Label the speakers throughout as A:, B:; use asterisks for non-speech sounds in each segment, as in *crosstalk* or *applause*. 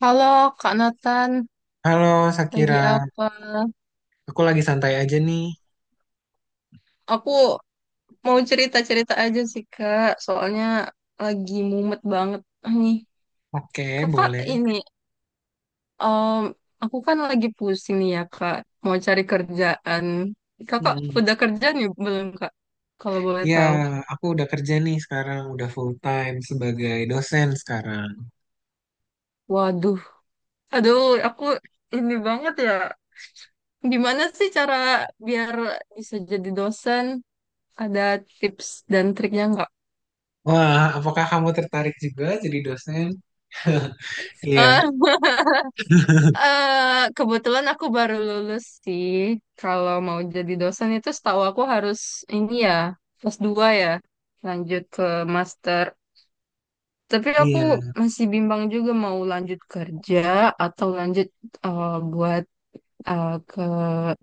A: Halo Kak Nathan,
B: Halo Sakira,
A: lagi apa?
B: aku lagi santai aja nih.
A: Aku mau cerita-cerita aja sih Kak, soalnya lagi mumet banget nih.
B: Oke,
A: Kakak
B: boleh.
A: ini, em, aku kan lagi pusing nih ya Kak, mau cari kerjaan. Kakak
B: Hmm.
A: udah kerja nih belum Kak? Kalau boleh
B: Iya,
A: tahu.
B: aku udah kerja nih sekarang, udah full time sebagai dosen sekarang.
A: Waduh, aduh aku ini banget ya. Gimana sih cara biar bisa jadi dosen? Ada tips dan triknya nggak?
B: Wah, apakah kamu tertarik juga jadi dosen? Iya,
A: *laughs* Kebetulan aku baru lulus sih. Kalau mau jadi dosen itu setahu aku harus ini ya, S2 ya, lanjut ke master. Tapi aku
B: iya.
A: masih bimbang juga mau lanjut kerja atau lanjut buat ke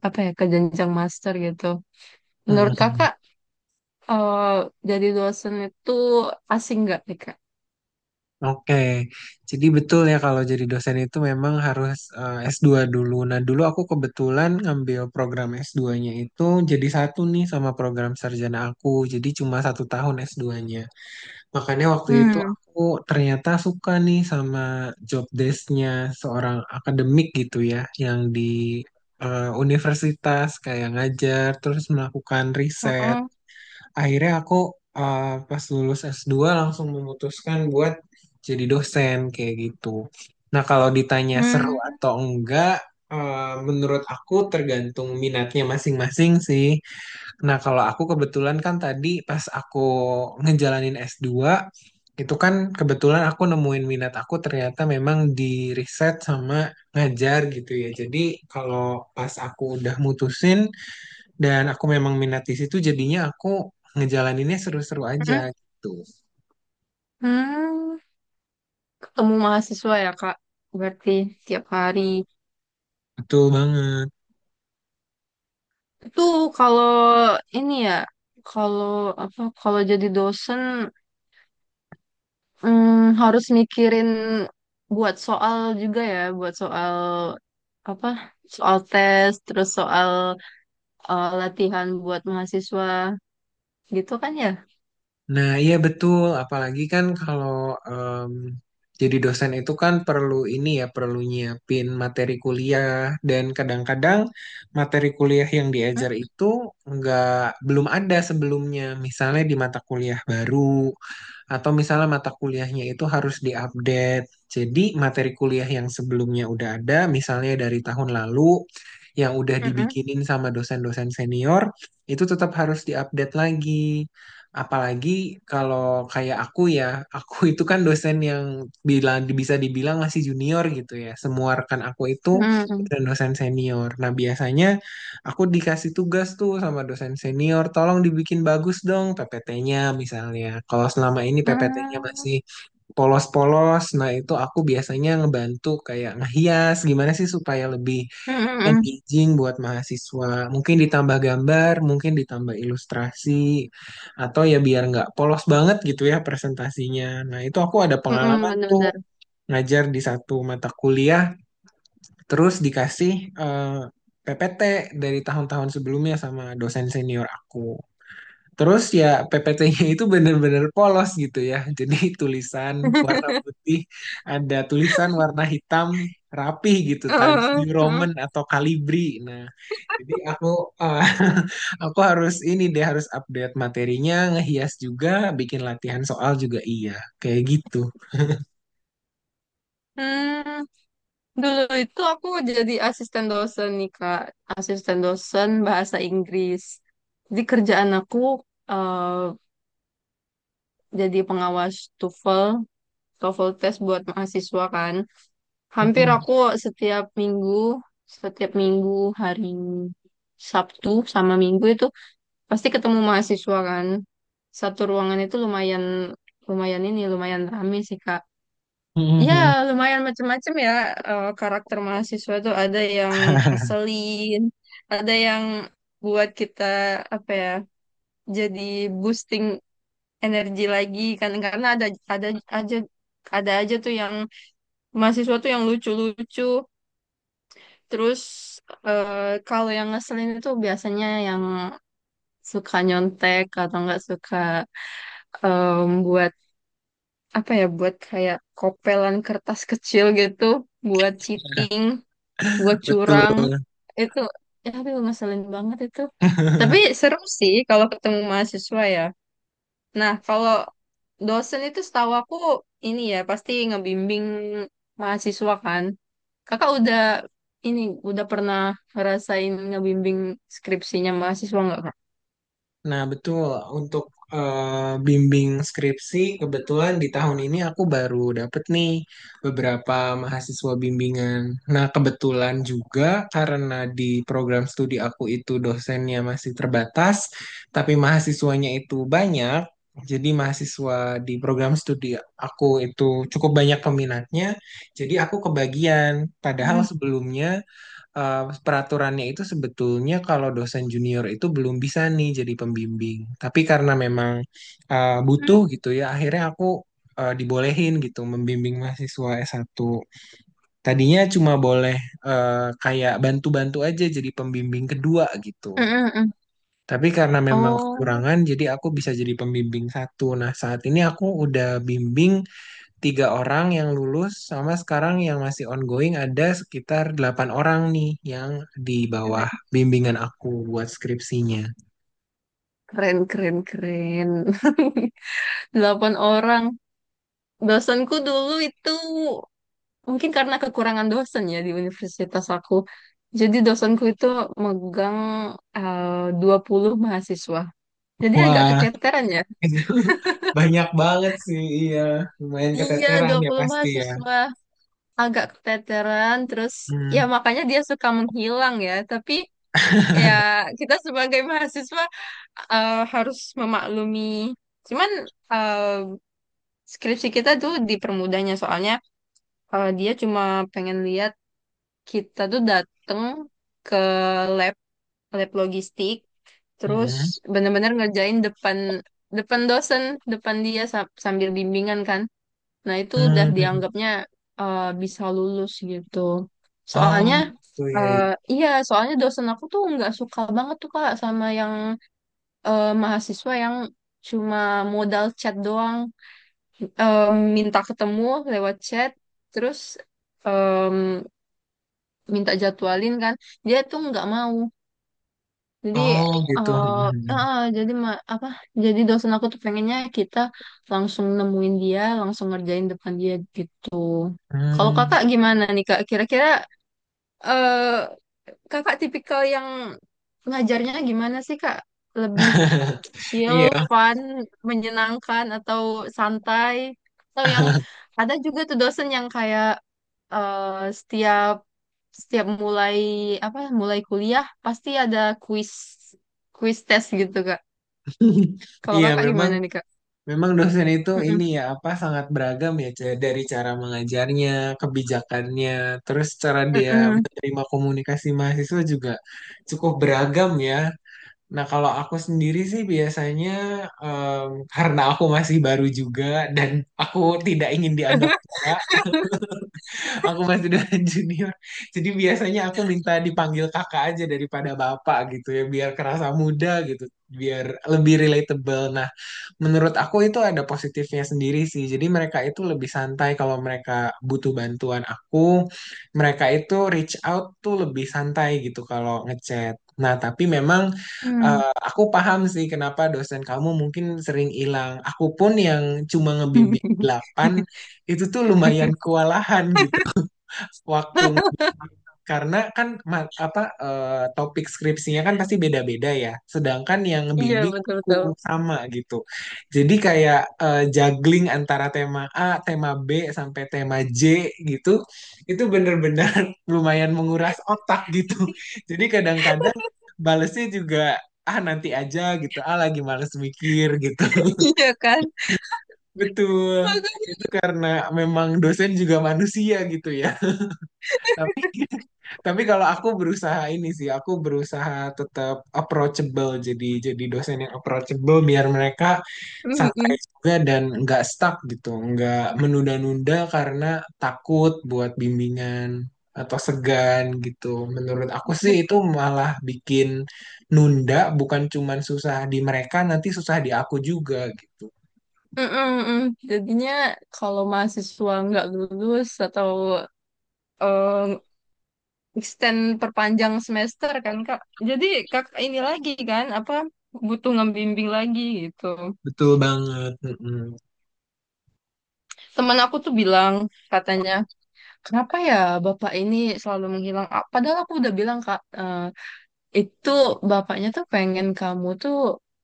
A: apa ya, ke jenjang master gitu. Menurut
B: Hmm.
A: kakak, eh, jadi dosen itu asing nggak nih kak?
B: Oke, jadi betul ya kalau jadi dosen itu memang harus S2 dulu. Nah, dulu aku kebetulan ngambil program S2-nya itu jadi satu nih sama program sarjana aku. Jadi cuma satu tahun S2-nya. Makanya waktu itu
A: Hmm.
B: aku ternyata suka nih sama job desk-nya seorang akademik gitu ya, yang di universitas kayak ngajar, terus melakukan riset.
A: Heeh.
B: Akhirnya aku eh, pas lulus S2 langsung memutuskan buat jadi dosen kayak gitu. Nah, kalau ditanya seru
A: Hmm.
B: atau enggak, eh, menurut aku tergantung minatnya masing-masing sih. Nah, kalau aku kebetulan kan tadi pas aku ngejalanin S2, itu kan kebetulan aku nemuin minat aku ternyata memang di riset sama ngajar gitu ya. Jadi kalau pas aku udah mutusin dan aku memang minat di situ, jadinya aku ngejalaninnya seru-seru aja
A: Hmm.
B: gitu.
A: Hmm. Ketemu mahasiswa ya, Kak. Berarti tiap hari.
B: Betul banget.
A: Itu kalau ini ya, kalau apa kalau jadi dosen harus mikirin buat soal juga ya, buat soal apa? Soal tes, terus soal latihan buat mahasiswa gitu kan ya?
B: Nah, iya betul. Apalagi kan kalau em, jadi dosen itu kan perlu ini ya, perlu nyiapin materi kuliah dan kadang-kadang materi kuliah yang
A: Hmm,
B: diajar itu nggak belum ada sebelumnya. Misalnya di mata kuliah baru. Atau misalnya mata kuliahnya itu harus diupdate. Jadi materi kuliah yang sebelumnya udah ada, misalnya dari tahun lalu, yang udah
A: mm-mm,
B: dibikinin sama dosen-dosen senior, itu tetap harus diupdate lagi. Apalagi kalau kayak aku ya, aku itu kan dosen yang bilang bisa dibilang masih junior gitu ya. Semua rekan aku itu
A: mm-mm,
B: dosen-dosen senior. Nah, biasanya aku dikasih tugas tuh sama dosen senior, tolong dibikin bagus dong PPT-nya misalnya. Kalau selama ini PPT-nya
A: mm,
B: masih polos-polos, nah itu aku biasanya ngebantu kayak ngehias gimana sih supaya lebih
A: mm-mm,
B: engaging buat mahasiswa. Mungkin ditambah gambar, mungkin ditambah ilustrasi, atau ya biar nggak polos banget gitu ya presentasinya. Nah itu aku ada
A: mm-mm,
B: pengalaman tuh
A: bener-bener.
B: ngajar di satu mata kuliah. Terus dikasih eh, PPT dari tahun-tahun sebelumnya sama dosen senior aku. Terus ya PPT-nya itu bener-bener polos gitu ya. Jadi *laughs* tulisan warna putih, ada tulisan warna hitam rapih gitu, Times New Roman
A: *laughs*
B: atau Calibri. Nah, jadi aku eh, *laughs* aku harus ini deh harus update materinya, ngehias juga, bikin latihan soal juga iya, kayak gitu.
A: Hmm. Dulu itu aku jadi asisten dosen nih Kak, asisten dosen bahasa Inggris. Jadi kerjaan aku eh, jadi pengawas TOEFL, TOEFL test buat mahasiswa kan. Hampir aku setiap minggu, setiap minggu hari Sabtu sama Minggu itu pasti ketemu mahasiswa kan. Satu ruangan itu lumayan lumayan ini lumayan ramai sih Kak. Ya,
B: Mm-mm.
A: lumayan macam-macam ya karakter mahasiswa tuh ada yang
B: *laughs*
A: ngeselin, ada yang buat kita apa ya, jadi boosting energi lagi kan karena ada aja ada aja tuh yang mahasiswa tuh yang lucu-lucu. Terus kalau yang ngeselin itu biasanya yang suka nyontek atau nggak suka buat apa ya, buat kayak kopelan kertas kecil gitu buat cheating. Buat
B: Betul.
A: curang itu, ya aduh ngeselin banget itu. Tapi seru sih kalau ketemu mahasiswa ya. Nah kalau dosen itu setahu aku ini ya, pasti ngebimbing mahasiswa kan. Kakak udah ini udah pernah ngerasain ngebimbing skripsinya mahasiswa nggak kak?
B: Nah, betul. Untuk bimbing skripsi, kebetulan di tahun ini aku baru dapet nih beberapa mahasiswa bimbingan. Nah, kebetulan juga karena di program studi aku itu dosennya masih terbatas, tapi mahasiswanya itu banyak. Jadi mahasiswa di program studi aku itu cukup banyak peminatnya. Jadi aku kebagian. Padahal
A: Mm.
B: sebelumnya eh, peraturannya itu sebetulnya kalau dosen junior itu belum bisa nih jadi pembimbing. Tapi karena memang butuh
A: Mm.
B: gitu ya, akhirnya aku dibolehin gitu membimbing mahasiswa S1. Tadinya cuma boleh kayak bantu-bantu aja jadi pembimbing kedua gitu.
A: Mm, mm, mm.
B: Tapi karena memang
A: Oh,
B: kekurangan, jadi aku bisa jadi pembimbing satu. Nah, saat ini aku udah bimbing tiga orang yang lulus sama sekarang yang masih ongoing ada sekitar delapan orang nih yang di
A: keren,
B: bawah bimbingan aku buat skripsinya.
A: keren, keren, keren. *laughs* Delapan orang. Dosenku dulu itu mungkin karena kekurangan dosen ya di universitas aku. Jadi dosenku itu megang eh, 20 mahasiswa. Jadi agak
B: Wah,
A: keteteran ya.
B: *laughs* itu banyak banget sih, iya. Lumayan
A: Iya,
B: keteteran
A: dua
B: ya
A: puluh
B: pasti ya.
A: mahasiswa. Agak keteteran. Terus ya
B: Hmm.
A: makanya dia suka menghilang ya. Tapi ya
B: *laughs*
A: kita sebagai mahasiswa harus memaklumi. Cuman eh, skripsi kita tuh dipermudahnya soalnya, dia cuma pengen lihat kita tuh datang ke lab lab logistik
B: Hmm.
A: terus bener-bener ngerjain depan depan dosen depan dia sambil bimbingan kan. Nah itu udah
B: Hmm.
A: dianggapnya bisa lulus gitu.
B: Oh,
A: Soalnya
B: gitu
A: eh,
B: ya.
A: iya, soalnya dosen aku tuh nggak suka banget tuh kak sama yang mahasiswa yang cuma modal chat doang. Eh, minta ketemu lewat chat terus em, minta jadwalin kan dia tuh nggak mau. Jadi
B: Oh, gitu.
A: eh
B: Hmm.
A: jadi apa? Jadi dosen aku tuh pengennya kita langsung nemuin dia, langsung ngerjain depan dia gitu. Kalau
B: Hmm.
A: kakak gimana nih kak? Kira-kira eh, Kakak tipikal yang ngajarnya gimana sih, Kak? Lebih chill,
B: Iya.
A: fun, menyenangkan, atau santai? Atau yang ada juga tuh dosen yang kayak eh, setiap setiap mulai apa mulai kuliah pasti ada kuis kuis tes gitu, Kak.
B: *laughs*
A: Kalau
B: Iya,
A: kakak
B: memang
A: gimana nih, Kak?
B: memang dosen itu ini
A: Mm-mm.
B: ya apa sangat beragam ya C- dari cara mengajarnya, kebijakannya, terus cara dia
A: Mm-mm.
B: menerima komunikasi mahasiswa juga cukup beragam ya. Nah, kalau aku sendiri sih biasanya karena aku masih baru juga dan aku tidak ingin dianggap
A: *laughs*
B: tua, aku masih dengan *laughs* junior. Jadi biasanya aku minta dipanggil kakak aja daripada bapak gitu ya, biar kerasa muda gitu, biar lebih relatable. Nah, menurut aku itu ada positifnya sendiri sih. Jadi mereka itu lebih santai kalau mereka butuh bantuan aku. Mereka itu reach out tuh lebih santai gitu kalau ngechat. Nah, tapi memang
A: Hmm.
B: aku paham sih kenapa dosen kamu mungkin sering hilang. Aku pun yang cuma ngebimbing 8 itu tuh lumayan
A: *laughs*
B: kewalahan gitu. Waktu karena kan topik skripsinya kan pasti beda-beda ya. Sedangkan yang
A: Iya,
B: bimbing aku
A: betul-betul.
B: sama gitu. Jadi kayak juggling antara tema A, tema B sampai tema J gitu, itu bener-bener *laughs* lumayan menguras otak gitu. Jadi kadang-kadang balesnya juga ah nanti aja gitu, ah lagi males mikir gitu. *laughs*
A: Iya kan?
B: Betul.
A: *laughs*
B: Itu
A: Makanya.
B: karena memang dosen juga manusia gitu ya. Tapi kalau aku berusaha ini sih, aku berusaha tetap approachable, jadi dosen yang approachable biar mereka santai
A: Mm-mm.
B: juga dan nggak stuck gitu, nggak menunda-nunda karena takut buat bimbingan atau segan gitu. Menurut aku sih itu malah bikin nunda, bukan cuman susah di mereka, nanti susah di aku juga gitu.
A: Mm-mm, mm. Jadinya kalau mahasiswa nggak lulus atau eh, extend perpanjang semester kan Kak. Jadi Kak ini lagi kan apa butuh ngebimbing lagi gitu.
B: Betul banget. Mm-mm.
A: Temen aku tuh bilang katanya, "Kenapa ya Bapak ini selalu menghilang?" Ah, padahal aku udah bilang Kak, itu bapaknya tuh pengen kamu tuh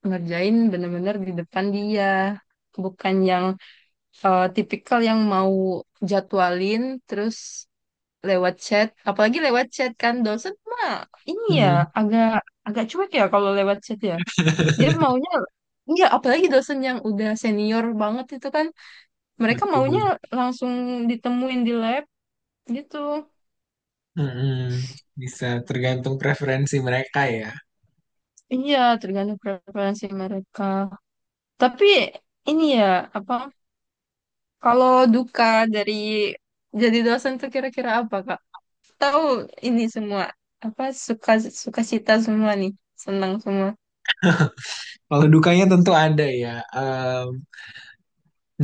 A: ngerjain bener-bener di depan dia. Bukan yang tipikal yang mau jadwalin terus lewat chat, apalagi lewat chat kan dosen mah ini ya
B: Mm-mm.
A: agak agak cuek ya kalau lewat chat ya. Dia maunya. Iya, apalagi dosen yang udah senior banget itu kan, mereka
B: Betul.
A: maunya langsung ditemuin di lab gitu.
B: Mm-mm. Bisa tergantung preferensi mereka ya.
A: Iya, tergantung preferensi mereka. Tapi ini ya, apa kalau duka dari jadi dosen tuh kira-kira apa, Kak? Tahu ini semua apa suka suka cita semua nih, senang semua.
B: Kalau dukanya tentu ada ya. Em,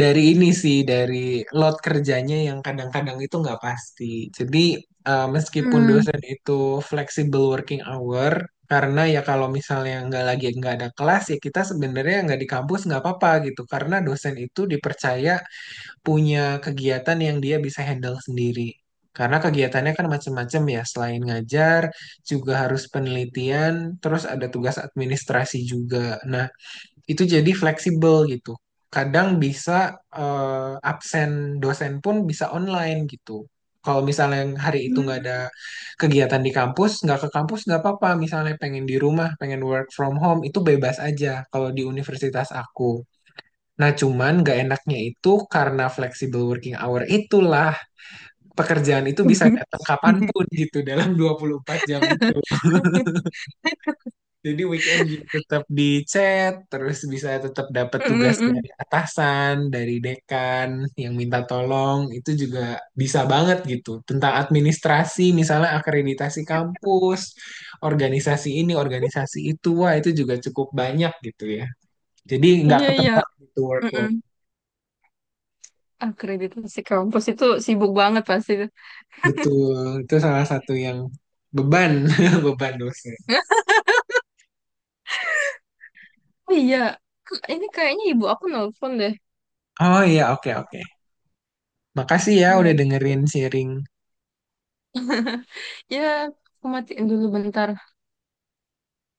B: dari ini sih, dari load kerjanya yang kadang-kadang itu nggak pasti. Jadi meskipun
A: Hmm.
B: dosen itu flexible working hour, karena ya kalau misalnya nggak ada kelas ya kita sebenarnya nggak di kampus nggak apa-apa gitu. Karena dosen itu dipercaya punya kegiatan yang dia bisa handle sendiri. Karena kegiatannya kan macam-macam ya, selain ngajar juga harus penelitian, terus ada tugas administrasi juga. Nah, itu jadi fleksibel gitu. Kadang bisa absen dosen pun bisa online gitu. Kalau misalnya yang hari itu nggak
A: Hmm.
B: ada kegiatan di kampus, nggak ke kampus nggak apa-apa. Misalnya pengen di rumah, pengen work from home, itu bebas aja kalau di universitas aku. Nah, cuman nggak enaknya itu karena flexible working hour itulah pekerjaan itu bisa datang
A: *laughs*
B: kapanpun gitu dalam 24 jam itu. Jadi weekend juga tetap di chat, terus bisa tetap dapat
A: Mm,
B: tugas
A: mm.
B: dari atasan, dari dekan yang minta tolong, itu juga bisa banget gitu. Tentang administrasi, misalnya akreditasi kampus, organisasi ini, organisasi itu, wah itu juga cukup banyak gitu ya. Jadi nggak
A: Iya, iya.
B: ketebak gitu workload.
A: Mm-mm. Akreditasi kampus itu sibuk banget pasti itu.
B: Betul, itu salah satu yang beban, *laughs* beban dosen.
A: Oh iya, ini kayaknya ibu aku nelpon deh.
B: Oh iya, oke oke. Makasih ya udah
A: Iya,
B: dengerin sharing
A: ya aku matiin dulu bentar.